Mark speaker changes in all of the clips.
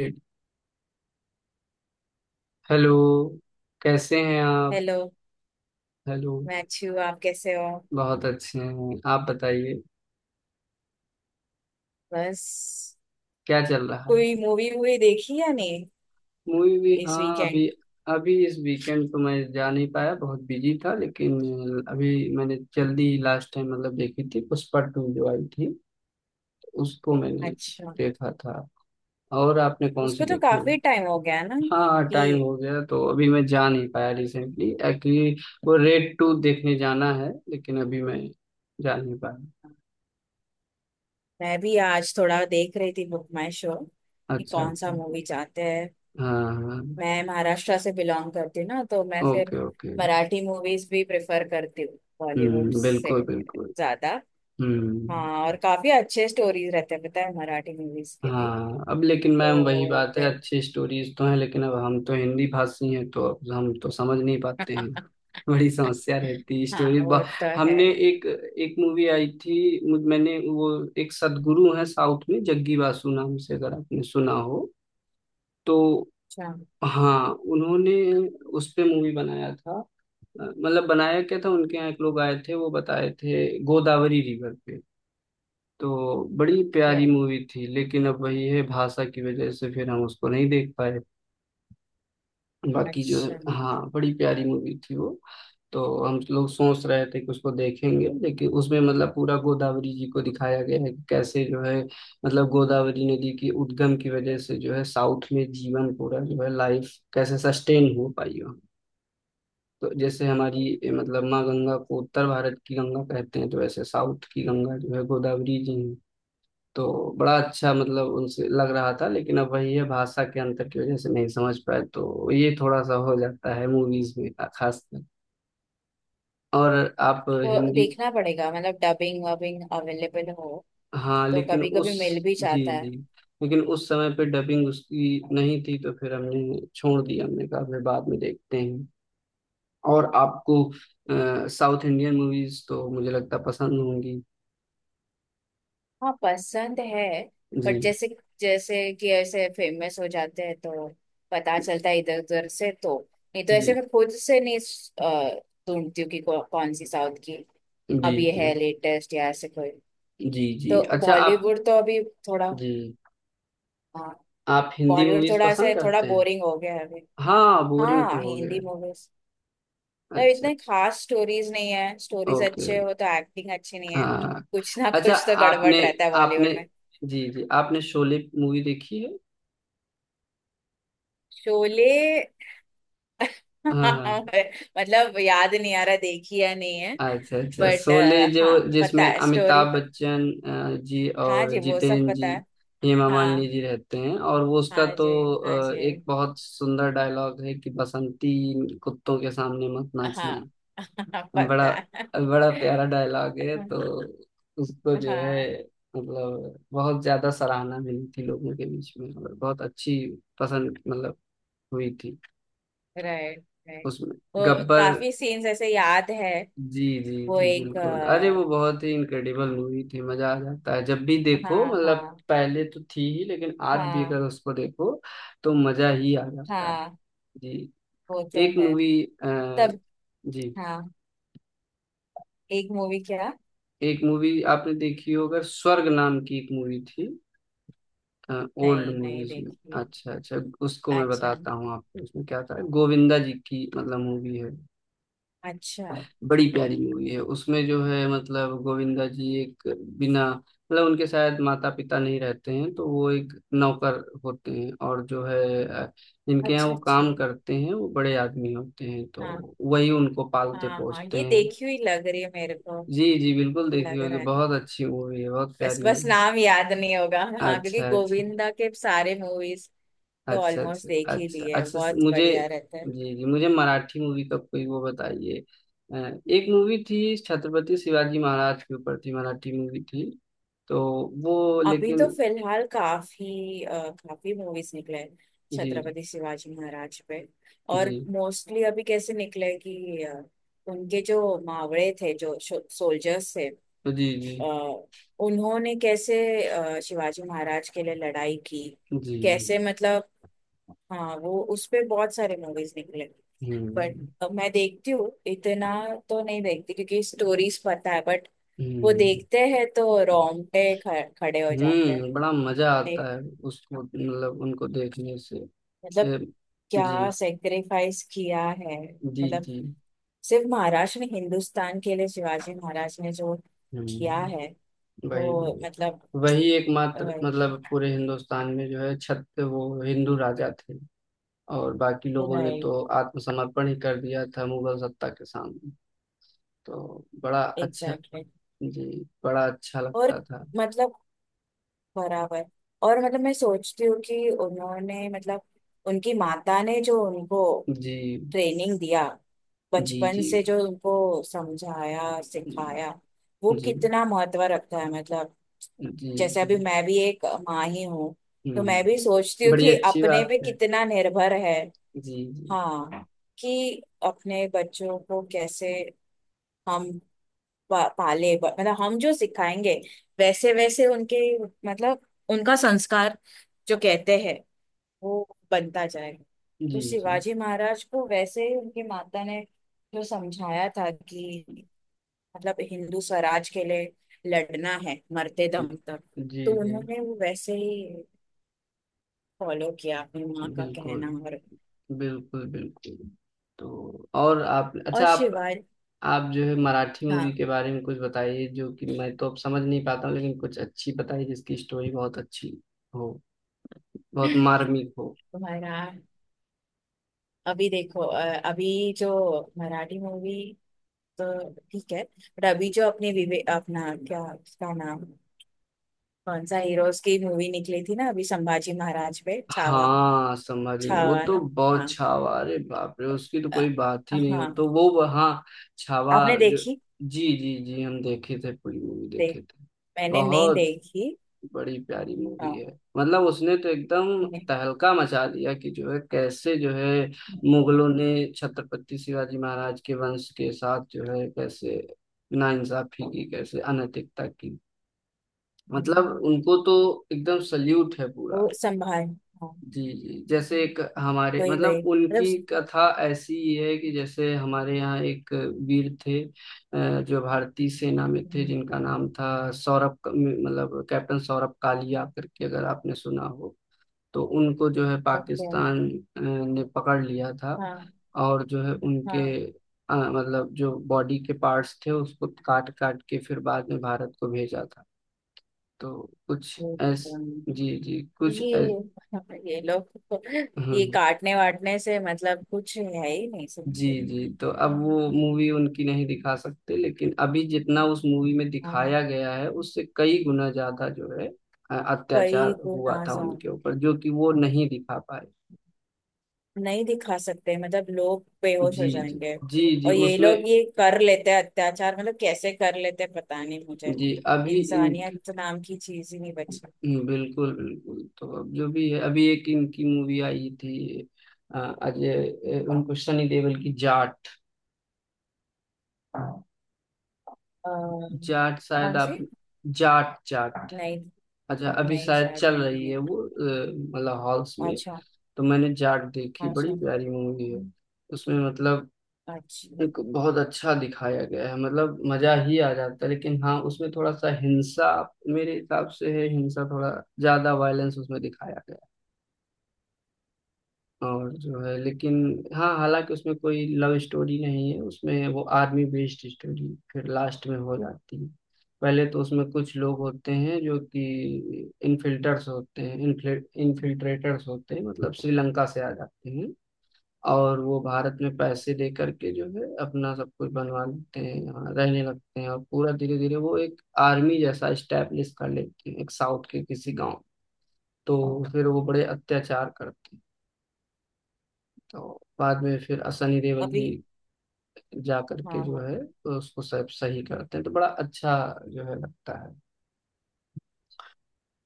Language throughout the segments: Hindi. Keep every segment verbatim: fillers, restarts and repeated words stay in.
Speaker 1: एक- हेलो। कैसे हैं आप?
Speaker 2: हेलो।
Speaker 1: हेलो।
Speaker 2: मैं अच्छी हूँ। आप कैसे हो।
Speaker 1: बहुत अच्छे हैं। आप बताइए,
Speaker 2: बस।
Speaker 1: क्या चल रहा है?
Speaker 2: कोई मूवी वूवी देखी या नहीं
Speaker 1: मूवी भी,
Speaker 2: इस
Speaker 1: हाँ, अभी।
Speaker 2: वीकेंड।
Speaker 1: अभी इस वीकेंड तो मैं जा नहीं पाया, बहुत बिजी था लेकिन अभी मैंने जल्दी लास्ट टाइम मतलब देखी थी, पुष्पा टू जो आई थी तो उसको मैंने
Speaker 2: अच्छा।
Speaker 1: देखा था। और आपने कौन सी
Speaker 2: उसको तो
Speaker 1: देखी है?
Speaker 2: काफी टाइम हो गया ना।
Speaker 1: हाँ, टाइम
Speaker 2: कि
Speaker 1: हो गया तो अभी मैं जा नहीं पाया रिसेंटली, एक्चुअली वो रेड टू देखने जाना है लेकिन अभी मैं जा नहीं पाया।
Speaker 2: मैं भी आज थोड़ा देख रही थी बुक माई शो कि
Speaker 1: अच्छा
Speaker 2: कौन
Speaker 1: अच्छा।
Speaker 2: सा मूवी चाहते हैं।
Speaker 1: हाँ।
Speaker 2: मैं महाराष्ट्र से बिलोंग करती हूँ ना, तो मैं फिर
Speaker 1: ओके ओके।
Speaker 2: मराठी मूवीज भी प्रेफर करती हूँ बॉलीवुड
Speaker 1: हम्म,
Speaker 2: से
Speaker 1: बिल्कुल बिल्कुल।
Speaker 2: ज्यादा। हाँ,
Speaker 1: हम्म।
Speaker 2: और काफी अच्छे स्टोरीज रहते हैं पता है मराठी मूवीज के भी।
Speaker 1: हाँ। अब लेकिन मैम, वही
Speaker 2: तो
Speaker 1: बात है,
Speaker 2: फिर
Speaker 1: अच्छी स्टोरीज तो हैं लेकिन अब हम तो हिंदी भाषी हैं तो अब हम तो समझ नहीं पाते हैं, बड़ी समस्या रहती है स्टोरी।
Speaker 2: हाँ वो तो है।
Speaker 1: हमने एक एक मूवी आई थी। मुझ- मैंने वो, एक सदगुरु है साउथ में जग्गी वासु नाम से, अगर आपने सुना हो तो।
Speaker 2: अच्छा।
Speaker 1: हाँ, उन्होंने उस पे मूवी बनाया था। मतलब बनाया क्या था, उनके यहाँ एक लोग आए थे, वो बताए थे गोदावरी रिवर पे। तो बड़ी प्यारी
Speaker 2: ये।
Speaker 1: मूवी थी लेकिन अब वही है, भाषा की वजह से फिर हम उसको नहीं देख पाए। बाकी जो है,
Speaker 2: अच्छा।
Speaker 1: हाँ बड़ी प्यारी मूवी थी वो। तो हम लोग सोच रहे थे कि उसको देखेंगे लेकिन उसमें मतलब पूरा गोदावरी जी को दिखाया गया है कि कैसे जो है, मतलब गोदावरी नदी की उद्गम की वजह से जो है साउथ में जीवन पूरा जो है लाइफ कैसे सस्टेन हो पाई वहाँ। तो जैसे हमारी ए, मतलब माँ गंगा को उत्तर भारत की गंगा कहते हैं, तो वैसे साउथ की गंगा जो है गोदावरी जी हैं। तो बड़ा अच्छा मतलब उनसे लग रहा था लेकिन अब वही है, भाषा के अंतर की वजह से नहीं समझ पाए, तो ये थोड़ा सा हो जाता है मूवीज में, खासकर। और आप
Speaker 2: वो
Speaker 1: हिंदी।
Speaker 2: देखना पड़ेगा मतलब डबिंग वबिंग अवेलेबल हो
Speaker 1: हाँ
Speaker 2: तो
Speaker 1: लेकिन
Speaker 2: कभी
Speaker 1: उस।
Speaker 2: कभी मिल भी
Speaker 1: जी
Speaker 2: जाता
Speaker 1: जी।
Speaker 2: है।
Speaker 1: लेकिन उस समय पे डबिंग उसकी नहीं थी तो फिर हमने छोड़ दिया, हमने कहा फिर बाद में देखते हैं। और आपको साउथ इंडियन मूवीज तो मुझे लगता पसंद होंगी।
Speaker 2: हाँ पसंद है।
Speaker 1: जी।
Speaker 2: बट जैसे जैसे कि ऐसे फेमस हो जाते हैं तो पता चलता है इधर उधर से। तो नहीं तो
Speaker 1: जी
Speaker 2: ऐसे मैं खुद से नहीं अ, ढूंढती हूँ कि कौ, कौन सी साउथ की
Speaker 1: जी।
Speaker 2: अब ये
Speaker 1: जी
Speaker 2: है लेटेस्ट या ऐसे कोई।
Speaker 1: जी। जी।
Speaker 2: तो
Speaker 1: अच्छा आप।
Speaker 2: बॉलीवुड तो अभी थोड़ा।
Speaker 1: जी।
Speaker 2: हाँ
Speaker 1: आप हिंदी
Speaker 2: बॉलीवुड
Speaker 1: मूवीज
Speaker 2: थोड़ा ऐसे
Speaker 1: पसंद
Speaker 2: थोड़ा
Speaker 1: करते हैं?
Speaker 2: बोरिंग हो गया है अभी।
Speaker 1: हाँ, बोरिंग
Speaker 2: हाँ
Speaker 1: तो हो गया।
Speaker 2: हिंदी मूवीज, मतलब
Speaker 1: अच्छा।
Speaker 2: इतने खास स्टोरीज नहीं है। Stories
Speaker 1: okay.
Speaker 2: अच्छे हो तो एक्टिंग अच्छी नहीं है,
Speaker 1: हाँ।
Speaker 2: कुछ ना
Speaker 1: अच्छा।
Speaker 2: कुछ तो गड़बड़
Speaker 1: आपने।
Speaker 2: रहता है बॉलीवुड
Speaker 1: आपने।
Speaker 2: में।
Speaker 1: जी जी, आपने शोले मूवी देखी है?
Speaker 2: शोले
Speaker 1: हाँ।
Speaker 2: मतलब याद नहीं आ रहा देखी या नहीं है।
Speaker 1: हाँ, अच्छा अच्छा,
Speaker 2: बट
Speaker 1: शोले जो
Speaker 2: हाँ पता
Speaker 1: जिसमें
Speaker 2: है स्टोरी
Speaker 1: अमिताभ
Speaker 2: पर।
Speaker 1: बच्चन अ, जी,
Speaker 2: हाँ
Speaker 1: और
Speaker 2: जी वो सब
Speaker 1: जितेंद्र
Speaker 2: पता
Speaker 1: जी,
Speaker 2: है।
Speaker 1: हेमा मालिनी
Speaker 2: हाँ।
Speaker 1: जी रहते हैं, और वो उसका
Speaker 2: हाँ जी।
Speaker 1: तो
Speaker 2: हाँ
Speaker 1: अ,
Speaker 2: जी।
Speaker 1: एक बहुत सुंदर डायलॉग है कि बसंती कुत्तों के सामने मत नाचना।
Speaker 2: हाँ पता
Speaker 1: बड़ा
Speaker 2: है
Speaker 1: बड़ा प्यारा डायलॉग है, तो उसको जो
Speaker 2: हाँ।
Speaker 1: है, मतलब बहुत ज्यादा सराहना मिली थी लोगों के बीच में, और बहुत अच्छी पसंद मतलब हुई थी।
Speaker 2: Right right.
Speaker 1: उसमें
Speaker 2: वो
Speaker 1: गब्बर।
Speaker 2: काफी सीन्स ऐसे याद है।
Speaker 1: जी जी
Speaker 2: वो
Speaker 1: जी
Speaker 2: एक।
Speaker 1: बिल्कुल, अरे वो बहुत ही इनक्रेडिबल मूवी थी, मजा आ जाता है जब भी देखो,
Speaker 2: हाँ
Speaker 1: मतलब
Speaker 2: हाँ।
Speaker 1: पहले तो थी ही लेकिन आज भी
Speaker 2: हाँ।
Speaker 1: अगर उसको देखो तो मजा ही आ जाता है।
Speaker 2: हाँ।
Speaker 1: जी।
Speaker 2: वो तो
Speaker 1: एक
Speaker 2: है।
Speaker 1: मूवी।
Speaker 2: तब।
Speaker 1: जी,
Speaker 2: हाँ। एक मूवी क्या।
Speaker 1: एक मूवी आपने देखी होगा, स्वर्ग नाम की एक मूवी थी, ओल्ड
Speaker 2: नहीं नहीं
Speaker 1: मूवीज में।
Speaker 2: देखी।
Speaker 1: अच्छा अच्छा। उसको मैं
Speaker 2: अच्छा
Speaker 1: बताता हूँ आपको, उसमें क्या था, गोविंदा जी की मतलब मूवी है।
Speaker 2: अच्छा।
Speaker 1: बड़ी
Speaker 2: फिर-
Speaker 1: प्यारी मूवी है, उसमें जो है मतलब गोविंदा जी एक, बिना मतलब उनके शायद माता पिता नहीं रहते हैं तो वो एक नौकर होते हैं, और जो है अ, जिनके यहाँ
Speaker 2: अच्छा
Speaker 1: वो
Speaker 2: अच्छा।
Speaker 1: काम करते हैं वो बड़े आदमी होते हैं,
Speaker 2: हाँ
Speaker 1: तो वही उनको पालते
Speaker 2: हाँ हाँ
Speaker 1: पोसते
Speaker 2: ये
Speaker 1: हैं।
Speaker 2: देखी हुई लग रही है मेरे को।
Speaker 1: जी जी बिल्कुल, देखी
Speaker 2: लग
Speaker 1: होगी,
Speaker 2: रहा है।
Speaker 1: बहुत अच्छी मूवी है, बहुत
Speaker 2: बस
Speaker 1: प्यारी
Speaker 2: बस
Speaker 1: मूवी।
Speaker 2: नाम याद नहीं होगा हाँ, क्योंकि
Speaker 1: अच्छा अच्छा।
Speaker 2: गोविंदा के सारे मूवीज तो
Speaker 1: अच्छा
Speaker 2: ऑलमोस्ट
Speaker 1: अच्छा।
Speaker 2: देख ही
Speaker 1: अच्छा
Speaker 2: लिए,
Speaker 1: अच्छा। स-
Speaker 2: बहुत
Speaker 1: मुझे,
Speaker 2: बढ़िया रहते हैं।
Speaker 1: जी जी, मुझे मराठी मूवी का कोई वो बताइए। अ, एक मूवी थी छत्रपति शिवाजी महाराज के ऊपर थी, मराठी मूवी थी तो वो
Speaker 2: अभी
Speaker 1: लेकिन।
Speaker 2: तो फिलहाल काफी अ, काफी मूवीज निकले हैं
Speaker 1: जी।
Speaker 2: छत्रपति शिवाजी महाराज पे।
Speaker 1: जी
Speaker 2: और मोस्टली अभी कैसे निकले कि अ, उनके जो मावड़े थे, जो सोल्जर्स थे,
Speaker 1: जी। जी
Speaker 2: अ, उन्होंने कैसे अ, शिवाजी महाराज के लिए लड़ाई की,
Speaker 1: जी।
Speaker 2: कैसे मतलब। हाँ वो उस पे बहुत सारे मूवीज निकले।
Speaker 1: हम्म।
Speaker 2: बट मैं देखती हूँ इतना तो नहीं देखती क्योंकि स्टोरीज पता है। बट वो
Speaker 1: हम्म।
Speaker 2: देखते हैं तो रोंगटे ख- खड़े हो जाते हैं।
Speaker 1: हम्म, बड़ा मजा आता
Speaker 2: देख-
Speaker 1: है उसको, मतलब उनको देखने से।
Speaker 2: मतलब
Speaker 1: ए, जी
Speaker 2: क्या सेक्रीफाइस किया है,
Speaker 1: जी
Speaker 2: मतलब
Speaker 1: जी।
Speaker 2: सिर्फ महाराष्ट्र नहीं हिंदुस्तान के लिए शिवाजी महाराज ने जो किया है
Speaker 1: हम्म। वही
Speaker 2: वो
Speaker 1: वही,
Speaker 2: मतलब।
Speaker 1: वही एकमात्र
Speaker 2: राइट।
Speaker 1: मतलब पूरे हिंदुस्तान में जो है, छत, वो हिंदू राजा थे, और बाकी लोगों ने तो आत्मसमर्पण ही कर दिया था मुगल सत्ता के सामने, तो बड़ा अच्छा।
Speaker 2: एग्जैक्टली।
Speaker 1: जी। बड़ा अच्छा
Speaker 2: और
Speaker 1: लगता था।
Speaker 2: मतलब बराबर। और मतलब मैं सोचती हूँ कि उन्होंने, मतलब उनकी माता ने जो उनको
Speaker 1: जी
Speaker 2: ट्रेनिंग दिया
Speaker 1: जी।
Speaker 2: बचपन
Speaker 1: जी
Speaker 2: से, जो उनको समझाया
Speaker 1: जी।
Speaker 2: सिखाया, वो कितना महत्व रखता है, मतलब
Speaker 1: जी
Speaker 2: जैसे
Speaker 1: जी।
Speaker 2: अभी मैं भी एक माँ ही हूँ तो मैं भी सोचती
Speaker 1: हम्म,
Speaker 2: हूँ
Speaker 1: बड़ी
Speaker 2: कि
Speaker 1: अच्छी
Speaker 2: अपने
Speaker 1: बात
Speaker 2: पे
Speaker 1: है।
Speaker 2: कितना निर्भर है।
Speaker 1: जी जी।
Speaker 2: हाँ, कि अपने बच्चों को कैसे हम पा, पाले, ब- मतलब हम जो सिखाएंगे वैसे वैसे उनके मतलब उनका संस्कार जो कहते हैं वो बनता जाएगा।
Speaker 1: जी
Speaker 2: तो
Speaker 1: जी।
Speaker 2: शिवाजी महाराज को वैसे ही उनकी माता ने जो समझाया था कि मतलब हिंदू स्वराज के लिए लड़ना है मरते
Speaker 1: जी
Speaker 2: दम तक,
Speaker 1: जी।
Speaker 2: तो
Speaker 1: जी
Speaker 2: उन्होंने वो वैसे ही फॉलो किया अपनी माँ का
Speaker 1: बिल्कुल
Speaker 2: कहना, और।
Speaker 1: बिल्कुल बिल्कुल। तो और आप,
Speaker 2: और
Speaker 1: अच्छा आप
Speaker 2: शिवाय।
Speaker 1: आप जो है मराठी मूवी
Speaker 2: हाँ
Speaker 1: के बारे में कुछ बताइए जो कि मैं तो अब समझ नहीं पाता हूँ, लेकिन कुछ अच्छी बताइए जिसकी स्टोरी बहुत अच्छी हो, बहुत मार्मिक हो।
Speaker 2: तुम्हारा। अभी देखो अ, अभी जो मराठी मूवी तो ठीक है। बट अभी जो अपने विवे अपना क्या, क्या नाम, कौन सा हीरोज की मूवी निकली थी ना अभी संभाजी महाराज पे छावा।
Speaker 1: हाँ, समझ गए। वो
Speaker 2: छावा
Speaker 1: तो
Speaker 2: ना।
Speaker 1: बहुत,
Speaker 2: हाँ।
Speaker 1: छावा, अरे बाप रे, उसकी तो
Speaker 2: अ,
Speaker 1: कोई बात ही नहीं, हो
Speaker 2: हाँ।
Speaker 1: तो वो हाँ। छावा
Speaker 2: आपने
Speaker 1: जो,
Speaker 2: देखी।
Speaker 1: जी जी जी, हम देखे थे, पूरी मूवी
Speaker 2: देख।
Speaker 1: देखे थे।
Speaker 2: मैंने नहीं
Speaker 1: बहुत,
Speaker 2: देखी।
Speaker 1: बड़ी प्यारी मूवी
Speaker 2: हाँ।
Speaker 1: है, मतलब उसने तो एकदम
Speaker 2: मैं-
Speaker 1: तहलका मचा दिया कि जो है कैसे जो है, मुगलों ने छत्रपति शिवाजी महाराज के वंश के साथ जो है कैसे नाइंसाफी की, कैसे अनैतिकता की, मतलब उनको तो एकदम सल्यूट है पूरा।
Speaker 2: वो संभाल। हाँ
Speaker 1: जी जी, जैसे एक हमारे
Speaker 2: वही
Speaker 1: मतलब
Speaker 2: वही मतलब।
Speaker 1: उनकी कथा ऐसी है कि जैसे हमारे यहाँ एक वीर थे अ, जो भारतीय सेना में थे, जिनका नाम था सौरभ, क- मतलब कैप्टन सौरभ कालिया करके, अगर आपने सुना हो तो। उनको जो है
Speaker 2: ओके।
Speaker 1: पाकिस्तान अ, ने पकड़ लिया था,
Speaker 2: हाँ
Speaker 1: और जो है उनके
Speaker 2: हाँ।
Speaker 1: अ, मतलब जो बॉडी के पार्ट्स थे उसको काट काट के फिर बाद में भारत को भेजा था। तो कुछ ऐस
Speaker 2: हम्म,
Speaker 1: जी जी, कुछ
Speaker 2: ये
Speaker 1: ऐस,
Speaker 2: ये लोग तो, ये
Speaker 1: हम्म,
Speaker 2: काटने वाटने से मतलब कुछ है ही नहीं
Speaker 1: जी
Speaker 2: समझे।
Speaker 1: जी। तो अब वो मूवी उनकी नहीं दिखा सकते लेकिन अभी जितना उस मूवी में
Speaker 2: हाँ
Speaker 1: दिखाया गया है उससे कई गुना ज्यादा जो है अ,
Speaker 2: कई
Speaker 1: अत्याचार हुआ
Speaker 2: गुना
Speaker 1: था उनके
Speaker 2: ज्यादा
Speaker 1: ऊपर, जो कि वो नहीं दिखा पाए।
Speaker 2: नहीं दिखा सकते, मतलब लोग बेहोश हो
Speaker 1: जी जी।
Speaker 2: जाएंगे।
Speaker 1: जी जी
Speaker 2: और ये
Speaker 1: उसमें।
Speaker 2: लोग ये कर लेते हैं अत्याचार, मतलब कैसे कर लेते हैं पता नहीं मुझे।
Speaker 1: जी, अभी इन।
Speaker 2: इंसानियत नाम की चीज ही नहीं बची।
Speaker 1: हम्म, बिल्कुल बिल्कुल। तो अब जो भी है अभी एक इनकी मूवी आई थी, अ, अजय, अ, उनको, सनी देओल की जाट।
Speaker 2: अ,
Speaker 1: जाट शायद
Speaker 2: कौन
Speaker 1: आप,
Speaker 2: सी।
Speaker 1: जाट जाट,
Speaker 2: नहीं
Speaker 1: अच्छा अभी
Speaker 2: नहीं
Speaker 1: शायद
Speaker 2: शायद
Speaker 1: चल
Speaker 2: मैंने
Speaker 1: रही
Speaker 2: नहीं
Speaker 1: है वो
Speaker 2: देखी।
Speaker 1: अ, मतलब हॉल्स में।
Speaker 2: अच्छा।
Speaker 1: तो मैंने जाट देखी,
Speaker 2: अच्छा।
Speaker 1: बड़ी प्यारी मूवी है, उसमें मतलब
Speaker 2: अच्छा।
Speaker 1: एक बहुत अच्छा दिखाया गया है, मतलब मजा ही आ जाता है, लेकिन हाँ उसमें थोड़ा सा हिंसा मेरे हिसाब से है, हिंसा थोड़ा ज्यादा वायलेंस उसमें दिखाया गया है। और जो है लेकिन, हाँ हालांकि उसमें कोई लव स्टोरी नहीं है, उसमें वो आर्मी बेस्ड स्टोरी फिर लास्ट में हो जाती है। पहले तो उसमें कुछ लोग होते हैं जो कि इनफिल्टर्स होते हैं, इनफिल्ट्रेटर्स होते हैं, मतलब श्रीलंका से आ जाते हैं, और वो भारत में पैसे दे करके जो है अपना सब कुछ बनवा लेते हैं, यहाँ रहने लगते हैं, और पूरा धीरे धीरे वो एक आर्मी जैसा स्टैब्लिश कर लेते हैं एक साउथ के किसी गांव। तो फिर वो बड़े अत्याचार करते हैं, तो बाद में फिर सनी देओल
Speaker 2: अभी।
Speaker 1: जी जा
Speaker 2: हाँ
Speaker 1: करके जो
Speaker 2: हाँ।
Speaker 1: है उसको सब सही करते हैं, तो बड़ा अच्छा जो है लगता है।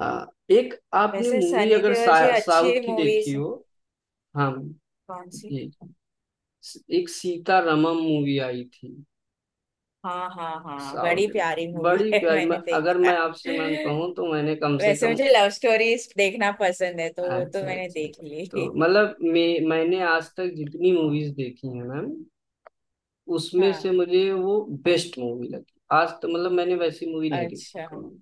Speaker 1: हाँ, एक आपने
Speaker 2: वैसे
Speaker 1: मूवी
Speaker 2: सनी
Speaker 1: अगर
Speaker 2: देओल जी
Speaker 1: सा, साउथ
Speaker 2: अच्छी
Speaker 1: की देखी
Speaker 2: मूवीज,
Speaker 1: हो। हाँ।
Speaker 2: कौन सी।
Speaker 1: जी। एक सीता रमम मूवी आई थी,
Speaker 2: हाँ हाँ हाँ बड़ी
Speaker 1: साउथ,
Speaker 2: प्यारी मूवी
Speaker 1: बड़ी
Speaker 2: है
Speaker 1: प्यारी। मैं
Speaker 2: मैंने
Speaker 1: अगर
Speaker 2: देखा
Speaker 1: मैं आपसे मैम
Speaker 2: है।
Speaker 1: कहूँ तो मैंने कम से
Speaker 2: वैसे
Speaker 1: कम।
Speaker 2: मुझे लव स्टोरीज देखना पसंद है तो वो तो
Speaker 1: अच्छा
Speaker 2: मैंने
Speaker 1: अच्छा।
Speaker 2: देख ली
Speaker 1: तो मतलब मैं मैंने आज तक जितनी मूवीज देखी हैं मैम, उसमें से
Speaker 2: हाँ।
Speaker 1: मुझे वो बेस्ट मूवी लगी आज तो, मतलब मैंने वैसी मूवी नहीं देखी
Speaker 2: अच्छा
Speaker 1: कोई।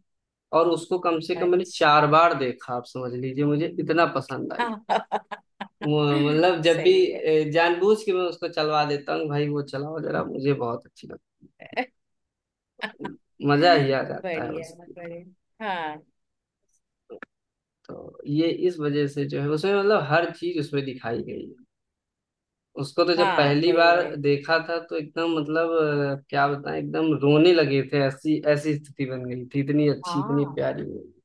Speaker 1: और उसको कम से कम मैंने चार बार देखा, आप समझ लीजिए मुझे इतना पसंद आई।
Speaker 2: अच्छा।
Speaker 1: वो- मतलब जब भी,
Speaker 2: सही है।
Speaker 1: ए, जानबूझ के मैं उसको चलवा देता हूँ, भाई वो चलाओ जरा, मुझे बहुत अच्छी लगती है, मजा ही आ जाता है
Speaker 2: बढ़िया।
Speaker 1: उसकी।
Speaker 2: बढ़िया हाँ।
Speaker 1: तो ये इस वजह से जो है उसमें मतलब हर चीज उसमें दिखाई गई है, उसको तो जब
Speaker 2: हाँ
Speaker 1: पहली
Speaker 2: वही
Speaker 1: बार
Speaker 2: वही।
Speaker 1: देखा था तो एकदम मतलब अ, क्या बताएं, एकदम रोने लगे थे, ऐसी ऐसी स्थिति बन गई थी, इतनी अच्छी, इतनी
Speaker 2: हाँ
Speaker 1: प्यारी मूवी।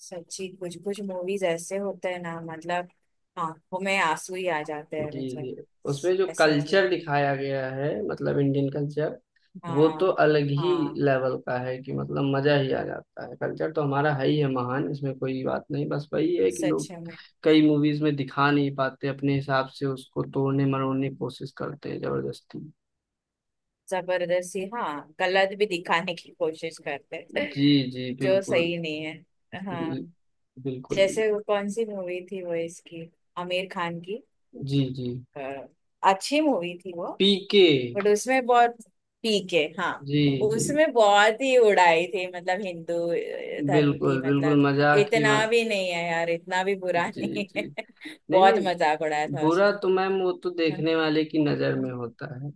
Speaker 2: सच्ची कुछ कुछ मूवीज ऐसे होते हैं ना, मतलब आंखों में आंसू ही आ जाते हैं
Speaker 1: जी जी।
Speaker 2: मतलब।
Speaker 1: उसमें जो
Speaker 2: ऐसा।
Speaker 1: कल्चर दिखाया गया है, मतलब इंडियन कल्चर, वो तो
Speaker 2: हाँ।
Speaker 1: अलग ही
Speaker 2: हाँ
Speaker 1: लेवल का है, कि मतलब मजा ही आ जाता है, कल्चर तो हमारा है ही है महान, इसमें कोई बात नहीं, बस वही है कि लोग
Speaker 2: सच में।
Speaker 1: कई मूवीज में दिखा नहीं पाते अपने हिसाब से, उसको तोड़ने मरोड़ने की कोशिश करते हैं जबरदस्ती।
Speaker 2: जबरदस्ती हाँ गलत भी दिखाने की कोशिश करते हैं,
Speaker 1: जी जी
Speaker 2: जो
Speaker 1: बिल्कुल।
Speaker 2: सही नहीं है हाँ।
Speaker 1: बिल- बिल्कुल
Speaker 2: जैसे वो
Speaker 1: बिल्कुल।
Speaker 2: कौन सी मूवी थी वो इसकी, आमिर खान की
Speaker 1: जी जी
Speaker 2: अ, अच्छी मूवी थी वो।
Speaker 1: पीके।
Speaker 2: बट उसमें बहुत। पीके हाँ।
Speaker 1: जी जी
Speaker 2: उसमें बहुत ही उड़ाई थी, मतलब हिंदू अ, धर्म की
Speaker 1: बिल्कुल बिल्कुल,
Speaker 2: मतलब।
Speaker 1: मजाक ही
Speaker 2: इतना
Speaker 1: बन।
Speaker 2: भी नहीं है यार, इतना भी बुरा
Speaker 1: जी
Speaker 2: नहीं है।
Speaker 1: जी। नहीं
Speaker 2: बहुत
Speaker 1: नहीं,
Speaker 2: मजाक उड़ाया था
Speaker 1: बुरा
Speaker 2: उसमें।
Speaker 1: तो मैम वो तो
Speaker 2: हाँ।
Speaker 1: देखने वाले की नजर
Speaker 2: हाँ।
Speaker 1: में होता है।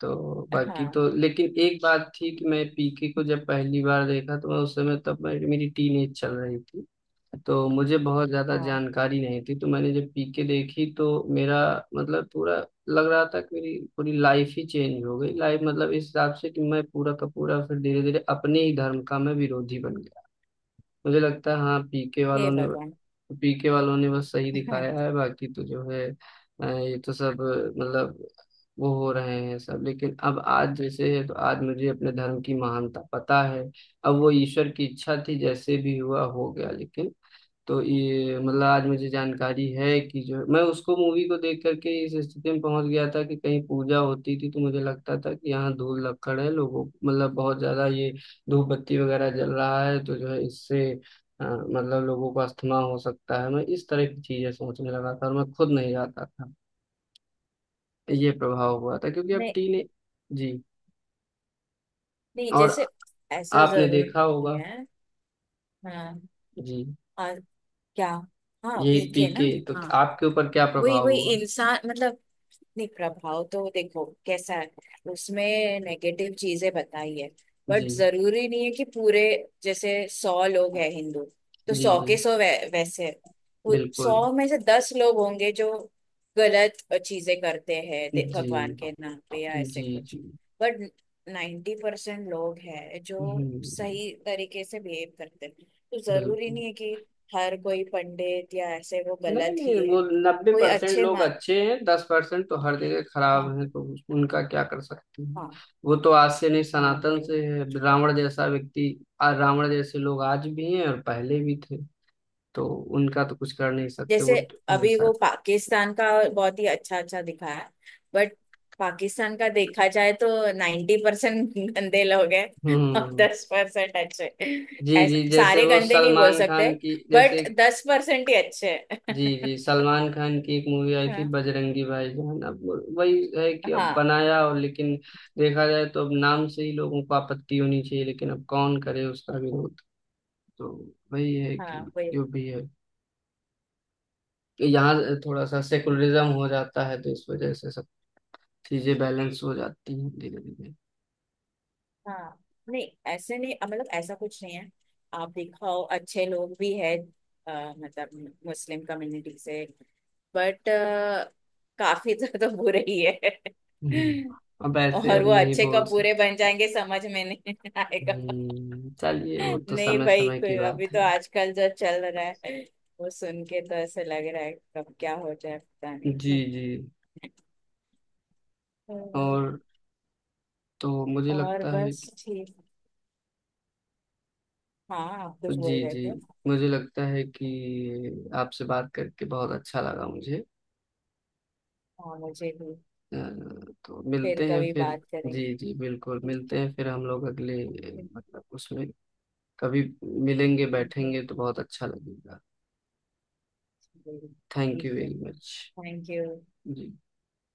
Speaker 1: तो बाकी
Speaker 2: हाँ।
Speaker 1: तो लेकिन एक बात थी कि मैं पीके को जब पहली बार देखा, तो मैं उस समय, तब मेरी मेरी टीनेज चल रही थी, तो मुझे बहुत ज्यादा
Speaker 2: हाँ,
Speaker 1: जानकारी नहीं थी, तो मैंने जब पीके देखी तो मेरा मतलब पूरा, लग रहा था कि मेरी पूरी लाइफ ही चेंज हो गई, लाइफ मतलब इस हिसाब से कि मैं पूरा का पूरा फिर धीरे धीरे अपने ही धर्म का मैं विरोधी बन गया। मुझे लगता है, हाँ पीके
Speaker 2: हे
Speaker 1: वालों
Speaker 2: भगवान।
Speaker 1: ने पीके वालों ने बस सही दिखाया है, बाकी तो जो है अ, ये तो सब, अ, मतलब वो हो रहे हैं सब, लेकिन अब आज जैसे है तो आज मुझे अपने धर्म की महानता पता है। अब वो ईश्वर की इच्छा थी, जैसे भी हुआ हो गया, लेकिन तो ये मतलब आज मुझे जानकारी है कि जो मैं उसको, मूवी को देख करके इस स्थिति में पहुंच गया था, कि कहीं पूजा होती थी तो मुझे लगता था कि यहाँ धूल लक्कड़ है लोगों, मतलब बहुत ज्यादा ये धूप बत्ती वगैरह जल रहा है, तो जो है इससे अ, मतलब लोगों को अस्थमा हो सकता है, मैं इस तरह की चीजें सोचने लगा था, और मैं खुद नहीं जाता था। ये प्रभाव हुआ था, क्योंकि अब
Speaker 2: नहीं
Speaker 1: टीने। जी।
Speaker 2: नहीं।
Speaker 1: और
Speaker 2: जैसे ऐसा
Speaker 1: आपने
Speaker 2: जरूर
Speaker 1: देखा
Speaker 2: नहीं
Speaker 1: होगा।
Speaker 2: है। हाँ।
Speaker 1: जी।
Speaker 2: और क्या। हाँ
Speaker 1: यही
Speaker 2: पीके ना।
Speaker 1: पीके तो
Speaker 2: हाँ
Speaker 1: आपके ऊपर क्या
Speaker 2: वही
Speaker 1: प्रभाव
Speaker 2: वही
Speaker 1: हुआ?
Speaker 2: इंसान मतलब। नहीं, प्रभाव तो देखो कैसा है। उसमें नेगेटिव चीजें बताई है,
Speaker 1: जी
Speaker 2: बट जरूरी नहीं है कि पूरे, जैसे सौ लोग हैं हिंदू, तो
Speaker 1: जी
Speaker 2: सौ
Speaker 1: जी
Speaker 2: के सौ वै, वैसे, वो
Speaker 1: बिल्कुल।
Speaker 2: सौ में से दस लोग होंगे जो गलत चीजें करते हैं, दे-
Speaker 1: जी
Speaker 2: भगवान के नाम पे या ऐसे
Speaker 1: जी
Speaker 2: कुछ।
Speaker 1: जी।
Speaker 2: बट नाइन्टी परसेंट लोग हैं जो
Speaker 1: हम्म,
Speaker 2: सही तरीके से बिहेव करते हैं। तो जरूरी
Speaker 1: बिल्कुल।
Speaker 2: नहीं है कि हर कोई पंडित या ऐसे वो
Speaker 1: नहीं
Speaker 2: गलत ही
Speaker 1: नहीं,
Speaker 2: है।
Speaker 1: वो नब्बे
Speaker 2: कोई
Speaker 1: परसेंट
Speaker 2: अच्छे
Speaker 1: लोग
Speaker 2: मा।
Speaker 1: अच्छे हैं, दस परसेंट तो हर जगह खराब
Speaker 2: हाँ
Speaker 1: हैं, तो उस- उनका क्या कर सकते हैं।
Speaker 2: हाँ।
Speaker 1: वो तो आज से नहीं,
Speaker 2: हाँ
Speaker 1: सनातन
Speaker 2: वही।
Speaker 1: से है, रावण जैसा व्यक्ति, आ- रावण जैसे लोग आज भी हैं और पहले भी थे। तो उनका तो कुछ कर नहीं सकते, वो
Speaker 2: जैसे
Speaker 1: तो
Speaker 2: अभी
Speaker 1: हमेशा।
Speaker 2: वो पाकिस्तान का बहुत ही अच्छा अच्छा दिखाया। बट पाकिस्तान का देखा जाए तो नाइन्टी परसेंट गंदे लोग हैं और
Speaker 1: हम्म।
Speaker 2: दस परसेंट अच्छे।
Speaker 1: जी जी,
Speaker 2: ऐसा
Speaker 1: जैसे
Speaker 2: सारे
Speaker 1: वो
Speaker 2: गंदे नहीं बोल
Speaker 1: सलमान
Speaker 2: सकते
Speaker 1: खान की जैसे।
Speaker 2: बट दस परसेंट ही अच्छे हैं
Speaker 1: जी जी, सलमान खान की एक मूवी आई थी
Speaker 2: हाँ।
Speaker 1: बजरंगी भाईजान। अब वही है कि अब
Speaker 2: हाँ
Speaker 1: बनाया, और लेकिन देखा जाए तो अब नाम से ही लोगों को आपत्ति होनी चाहिए, लेकिन अब कौन करे उसका विरोध। तो वही है कि
Speaker 2: हाँ वही।
Speaker 1: जो भी है यहाँ थोड़ा सा सेकुलरिज्म हो जाता है, तो इस वजह से सब चीजें बैलेंस हो जाती हैं धीरे धीरे।
Speaker 2: हाँ नहीं ऐसे नहीं अ, मतलब ऐसा कुछ नहीं है। आप दिखाओ अच्छे लोग भी है अ, मतलब मुस्लिम कम्युनिटी से, बट काफी ज्यादा बुरे ही है।
Speaker 1: हम्म। अब ऐसे
Speaker 2: और
Speaker 1: अब
Speaker 2: वो
Speaker 1: नहीं
Speaker 2: अच्छे
Speaker 1: बोल
Speaker 2: कब
Speaker 1: सकते।
Speaker 2: बुरे बन जाएंगे समझ में नहीं आएगा।
Speaker 1: हम्म, चलिए वो तो
Speaker 2: नहीं
Speaker 1: समय
Speaker 2: भाई,
Speaker 1: समय की
Speaker 2: कोई अभी
Speaker 1: बात
Speaker 2: तो
Speaker 1: है।
Speaker 2: आजकल जो चल रहा है वो सुन के तो ऐसे लग रहा है कब क्या हो जाए पता नहीं।
Speaker 1: जी जी।
Speaker 2: तो,
Speaker 1: और तो मुझे
Speaker 2: और
Speaker 1: लगता है।
Speaker 2: बस ठीक हाँ। आप कुछ बोल
Speaker 1: जी
Speaker 2: रहे
Speaker 1: जी।
Speaker 2: थे।
Speaker 1: मुझे लगता है कि आपसे बात करके बहुत अच्छा लगा मुझे,
Speaker 2: हाँ मुझे भी।
Speaker 1: अ, तो
Speaker 2: फिर
Speaker 1: मिलते हैं
Speaker 2: कभी
Speaker 1: फिर।
Speaker 2: बात करेंगे।
Speaker 1: जी जी बिल्कुल,
Speaker 2: ठीक
Speaker 1: मिलते
Speaker 2: है।
Speaker 1: हैं फिर हम लोग, अगले मतलब उसमें, कभी मिलेंगे बैठेंगे तो बहुत अच्छा लगेगा। थैंक यू
Speaker 2: ठीक है।
Speaker 1: Very much.
Speaker 2: Thank you.
Speaker 1: Ji.